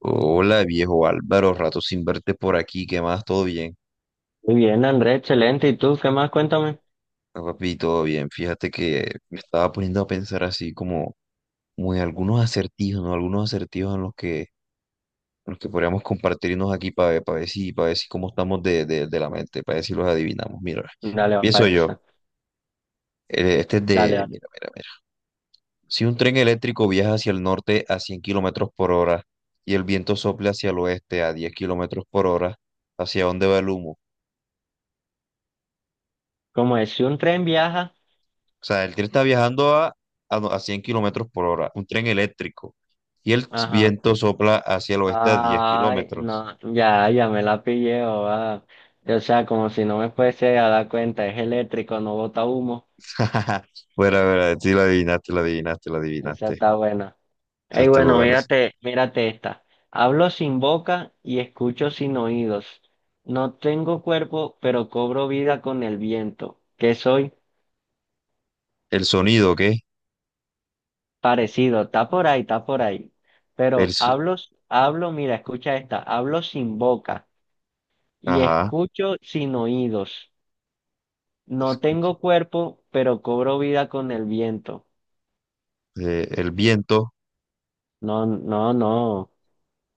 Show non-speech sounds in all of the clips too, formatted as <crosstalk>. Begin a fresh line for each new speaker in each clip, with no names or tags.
Hola, viejo Álvaro, rato sin verte por aquí, ¿qué más? ¿Todo bien?
Muy bien, Andrés, excelente. ¿Y tú qué más? Cuéntame.
Ah, Papi, todo bien. Fíjate que me estaba poniendo a pensar así como en algunos acertijos, ¿no? Algunos acertijos en los que podríamos compartirnos aquí para ver si cómo estamos de la mente, para ver si los adivinamos. Mira,
Dale, va
pienso
para
yo.
esa.
Este es
Dale,
de,
dale.
mira, mira, mira. Si un tren eléctrico viaja hacia el norte a 100 kilómetros por hora y el viento sopla hacia el oeste a 10 kilómetros por hora, ¿hacia dónde va el humo?
Como es, si un tren viaja,
O sea, el tren está viajando a, no- a 100 kilómetros por hora, un tren eléctrico, y el
ajá.
viento sopla hacia el oeste a diez
Ay,
kilómetros.
no, ya, ya me la pillé, o va. O sea, como si no me fuese a dar cuenta, es eléctrico, no bota humo.
<laughs> Bueno, bueno, sí lo adivinaste, lo adivinaste, lo
Esa
adivinaste.
está buena.
O sea,
Ey,
está muy
bueno,
bueno.
mírate, mírate esta. Hablo sin boca y escucho sin oídos. No tengo cuerpo, pero cobro vida con el viento. ¿Qué soy?
El sonido, ¿qué?
Parecido, está por ahí, está por ahí.
El,
Pero
so-
hablo, hablo, mira, escucha esta, hablo sin boca y
ajá,
escucho sin oídos. No
escucha.
tengo cuerpo, pero cobro vida con el viento.
El viento,
No, no, no,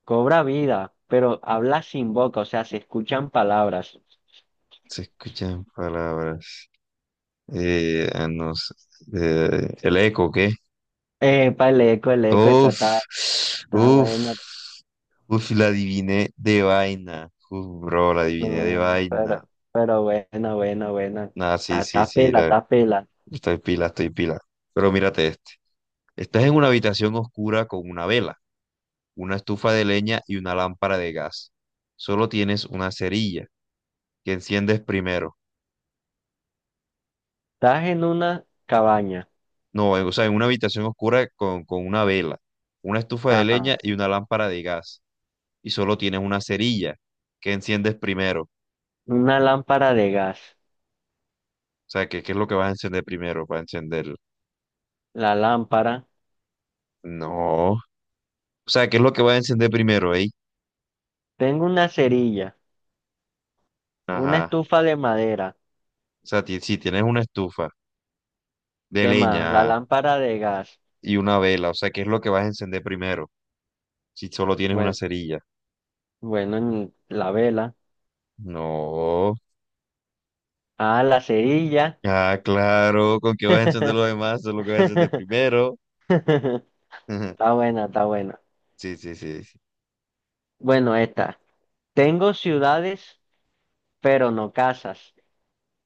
cobra vida, pero habla sin boca, o sea, se escuchan palabras.
se escuchan palabras. No sé, el eco, ¿qué?
Epa, el eco, esa
Uf,
está, está
uf,
buena,
uf, la adiviné de vaina. Uf, bro, la adiviné de
no,
vaina.
pero buena, buena, buena.
Nada, sí,
Ah,
sí,
está
sí,
pela, está pela.
estoy pila, estoy pila. Pero mírate este. Estás en una habitación oscura con una vela, una estufa de leña y una lámpara de gas. Solo tienes una cerilla que enciendes primero.
Estás en una cabaña.
No, o sea, en una habitación oscura con una vela, una estufa de
Ajá.
leña y una lámpara de gas. Y solo tienes una cerilla que enciendes primero.
Una lámpara de gas,
O sea, ¿qué es lo que vas a encender primero para encender?
la lámpara,
No. O sea, ¿qué es lo que vas a encender primero, eh?
tengo una cerilla, una
Ajá.
estufa de madera,
O sea, si tienes una estufa de
¿qué más? La
leña. Ajá,
lámpara de gas,
y una vela. O sea, ¿qué es lo que vas a encender primero? Si solo tienes una
bueno,
cerilla.
bueno, la vela,
No.
ah, la cerilla.
Ah, claro, ¿con qué vas a encender lo demás? Eso es lo que vas a encender
<laughs>
primero.
está
<laughs>
buena, está buena.
Sí, sí, sí. Sí.
Bueno, esta, tengo ciudades, pero no casas,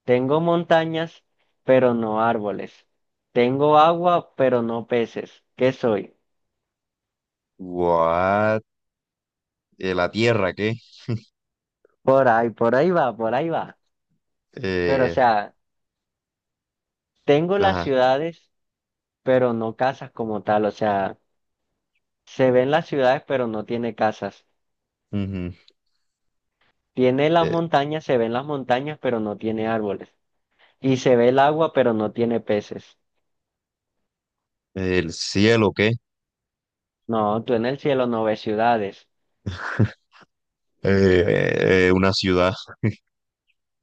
tengo montañas, pero no árboles, tengo agua, pero no peces. ¿Qué soy?
What? La tierra, ¿qué?
Por ahí va, por ahí va. Pero, o
Eh,
sea, tengo las
ajá.
ciudades, pero no casas como tal. O sea, se ven las ciudades, pero no tiene casas.
Ujú.
Tiene las
Eh,
montañas, se ven las montañas, pero no tiene árboles. Y se ve el agua, pero no tiene peces.
el cielo, ¿qué?
No, tú en el cielo no ves ciudades.
<laughs> Una ciudad.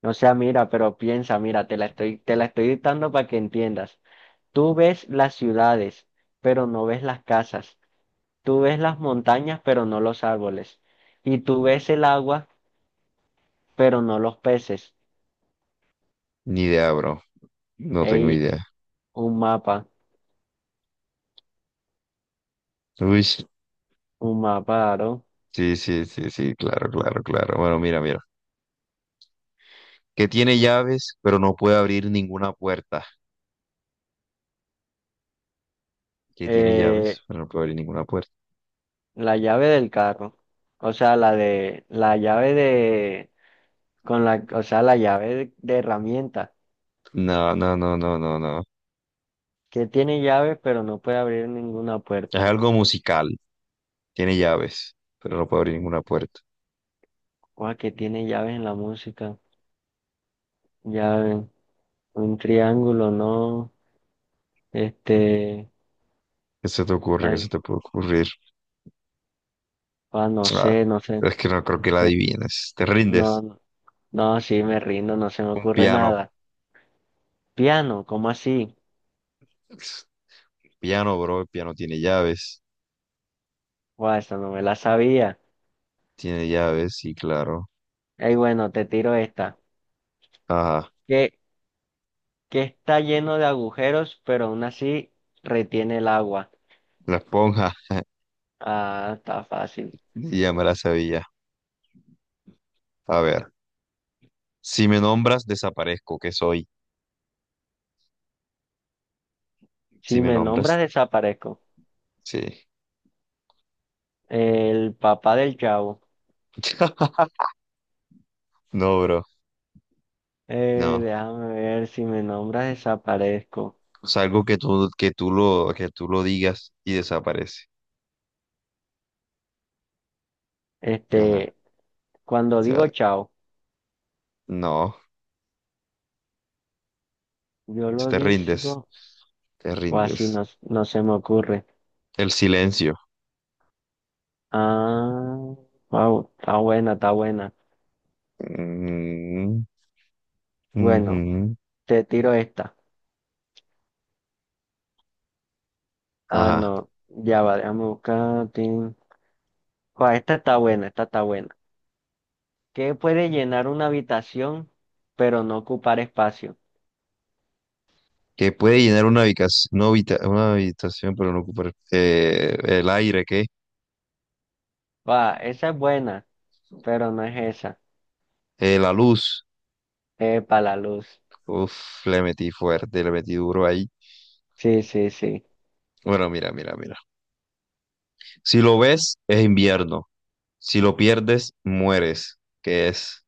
O sea, mira, pero piensa, mira, te la estoy dictando para que entiendas. Tú ves las ciudades, pero no ves las casas. Tú ves las montañas, pero no los árboles. Y tú ves el agua, pero no los peces.
Ni idea, bro. No tengo
Ey,
idea.
un mapa.
Uy,
Un mapa, aro.
sí, sí, sí, sí, claro, claro, claro. Bueno, mira, mira. Que tiene llaves, pero no puede abrir ninguna puerta. Que tiene
Eh,
llaves, pero no puede abrir ninguna puerta.
la llave del carro. O sea, la de, la llave de, con la, o sea, la llave de herramienta.
No, no, no, no, no, no.
Que tiene llaves, pero no puede abrir ninguna
Es
puerta.
algo musical, tiene llaves, pero no puede abrir ninguna puerta.
Guau, que tiene llaves en la música. Llave. Un triángulo, no. Este,
¿Qué se te ocurre? ¿Qué se
ay,
te puede ocurrir?
guau, no sé,
Ah,
no sé,
es que no creo que
no
la
sé.
adivines. Te
No,
rindes.
no, no, sí, me rindo, no se me
Un
ocurre
piano.
nada. Piano, ¿cómo así?
Piano, bro, el piano tiene llaves.
Guau, esa no me la sabía.
Tiene llaves, sí, claro.
Ey, bueno, te tiro esta.
Ajá,
que, que está lleno de agujeros, pero aún así retiene el agua.
la esponja, <laughs>
Ah, está fácil.
ya me la sabía. A ver, si me nombras, desaparezco, ¿qué soy? Si
Si
me
me
nombras,
nombras, desaparezco.
sí.
El papá del chavo.
<laughs> No, bro, no.
Déjame ver, si me nombras, desaparezco.
O sea, algo que tú lo digas y desaparece. Ajá.
Este, cuando
O sea,
digo chao,
no,
yo lo
te rindes,
digo,
te
o así
rindes.
no, no se me ocurre.
El silencio.
Ah, wow, está buena, está buena.
Mm,
Bueno,
ujú.
te tiro esta. Ah,
Ajá.
no, ya va, déjame buscar. Tin. Guau, esta está buena, esta está buena. ¿Qué puede llenar una habitación, pero no ocupar espacio?
Que puede llenar una habitación, una habitación, pero no ocupar el aire, ¿qué?
Va, esa es buena, pero no es esa.
La luz.
Para la luz.
Uf, le metí fuerte, le metí duro ahí.
Sí, sí, sí.
Bueno, mira, mira, mira. Si lo ves, es invierno. Si lo pierdes, mueres. Que es,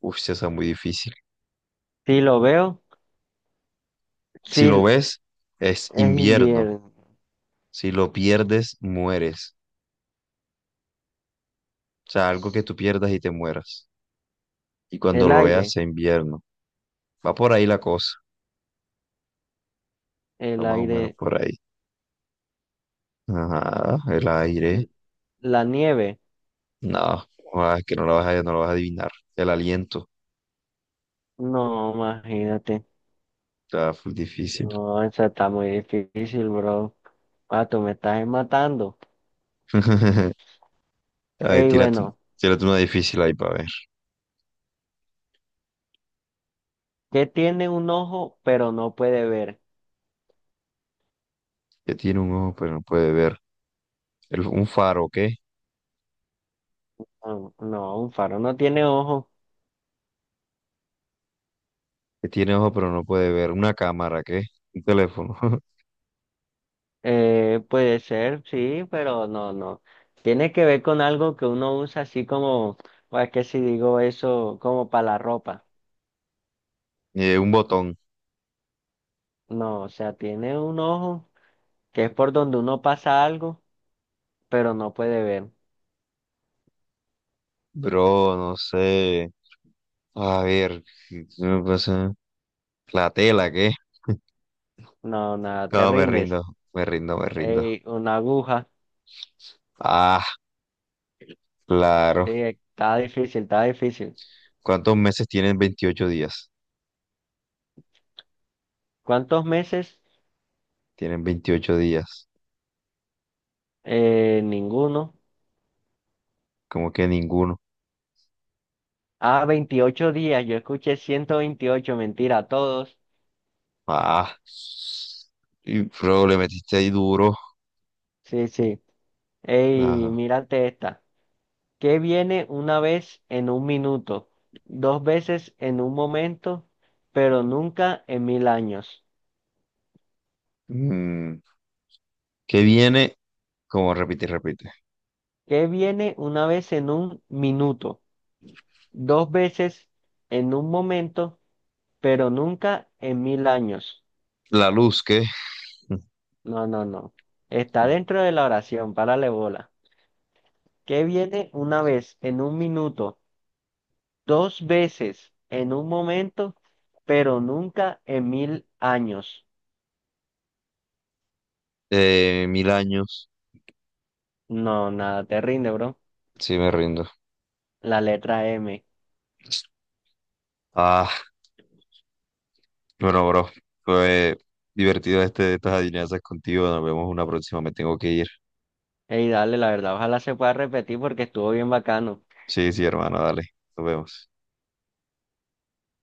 uf, sí, esa es muy difícil.
Si lo veo,
Si lo
sí,
ves, es
es
invierno.
invierno.
Si lo pierdes, mueres. O sea, algo que tú pierdas y te mueras. Y cuando
El
lo veas,
aire,
es invierno. Va por ahí la cosa. Va
el
más o menos
aire,
por ahí. Ajá, el aire.
l- la nieve.
No, ah, es que no lo vas a adivinar. El aliento.
No, imagínate.
Está full difícil.
No, esa está muy difícil, bro. Ah, tú me estás matando.
<laughs> A ver,
Ey,
tírate,
bueno,
tírate una difícil ahí para ver.
¿qué tiene un ojo, pero no puede ver?
Que tiene un ojo pero no puede ver. Un faro, ¿qué?
No, no, un faro no tiene ojo.
Que tiene ojo pero no puede ver. Una cámara, ¿qué? Un teléfono. <laughs>
Puede ser, sí, pero no, no. Tiene que ver con algo que uno usa así como, o es que si digo eso, como para la ropa.
Un botón.
No, o sea, tiene un ojo que es por donde uno pasa algo, pero no puede ver.
Bro, no sé. A ver, ¿qué me pasa? La tela, ¿qué?
No, nada, te
No, me
rindes.
rindo, me rindo, me rindo.
Ey, una aguja.
Ah, claro.
Sí, está difícil, está difícil.
¿Cuántos meses tienen 28 días?
¿Cuántos meses?
Tienen 28 días.
Ninguno.
Como que ninguno.
Ah, 28 días. Yo escuché 128 mentira, todos.
Ah, y bro, le metiste ahí duro.
Sí, sí. Ey,
Ajá.
mírate esta. ¿Qué viene una vez en un minuto, dos veces en un momento, pero nunca en 1000 años?
Mm, ¿Qué viene? Como repite, y repite.
¿Qué viene una vez en un minuto, dos veces en un momento, pero nunca en mil años?
La luz, ¿qué?
No, no, no. Está
<laughs>
dentro de la oración, párale bola. ¿Qué viene una vez en un minuto, dos veces en un momento, pero nunca en mil años?
1000 años.
No, nada, te rinde, bro.
Sí, me rindo.
La letra M.
Ah. Bueno, bro, fue divertido estas adivinanzas contigo. Nos vemos una próxima. Me tengo que ir.
Ey, dale, la verdad, ojalá se pueda repetir porque estuvo bien bacano.
Sí, sí, hermano, dale. Nos vemos.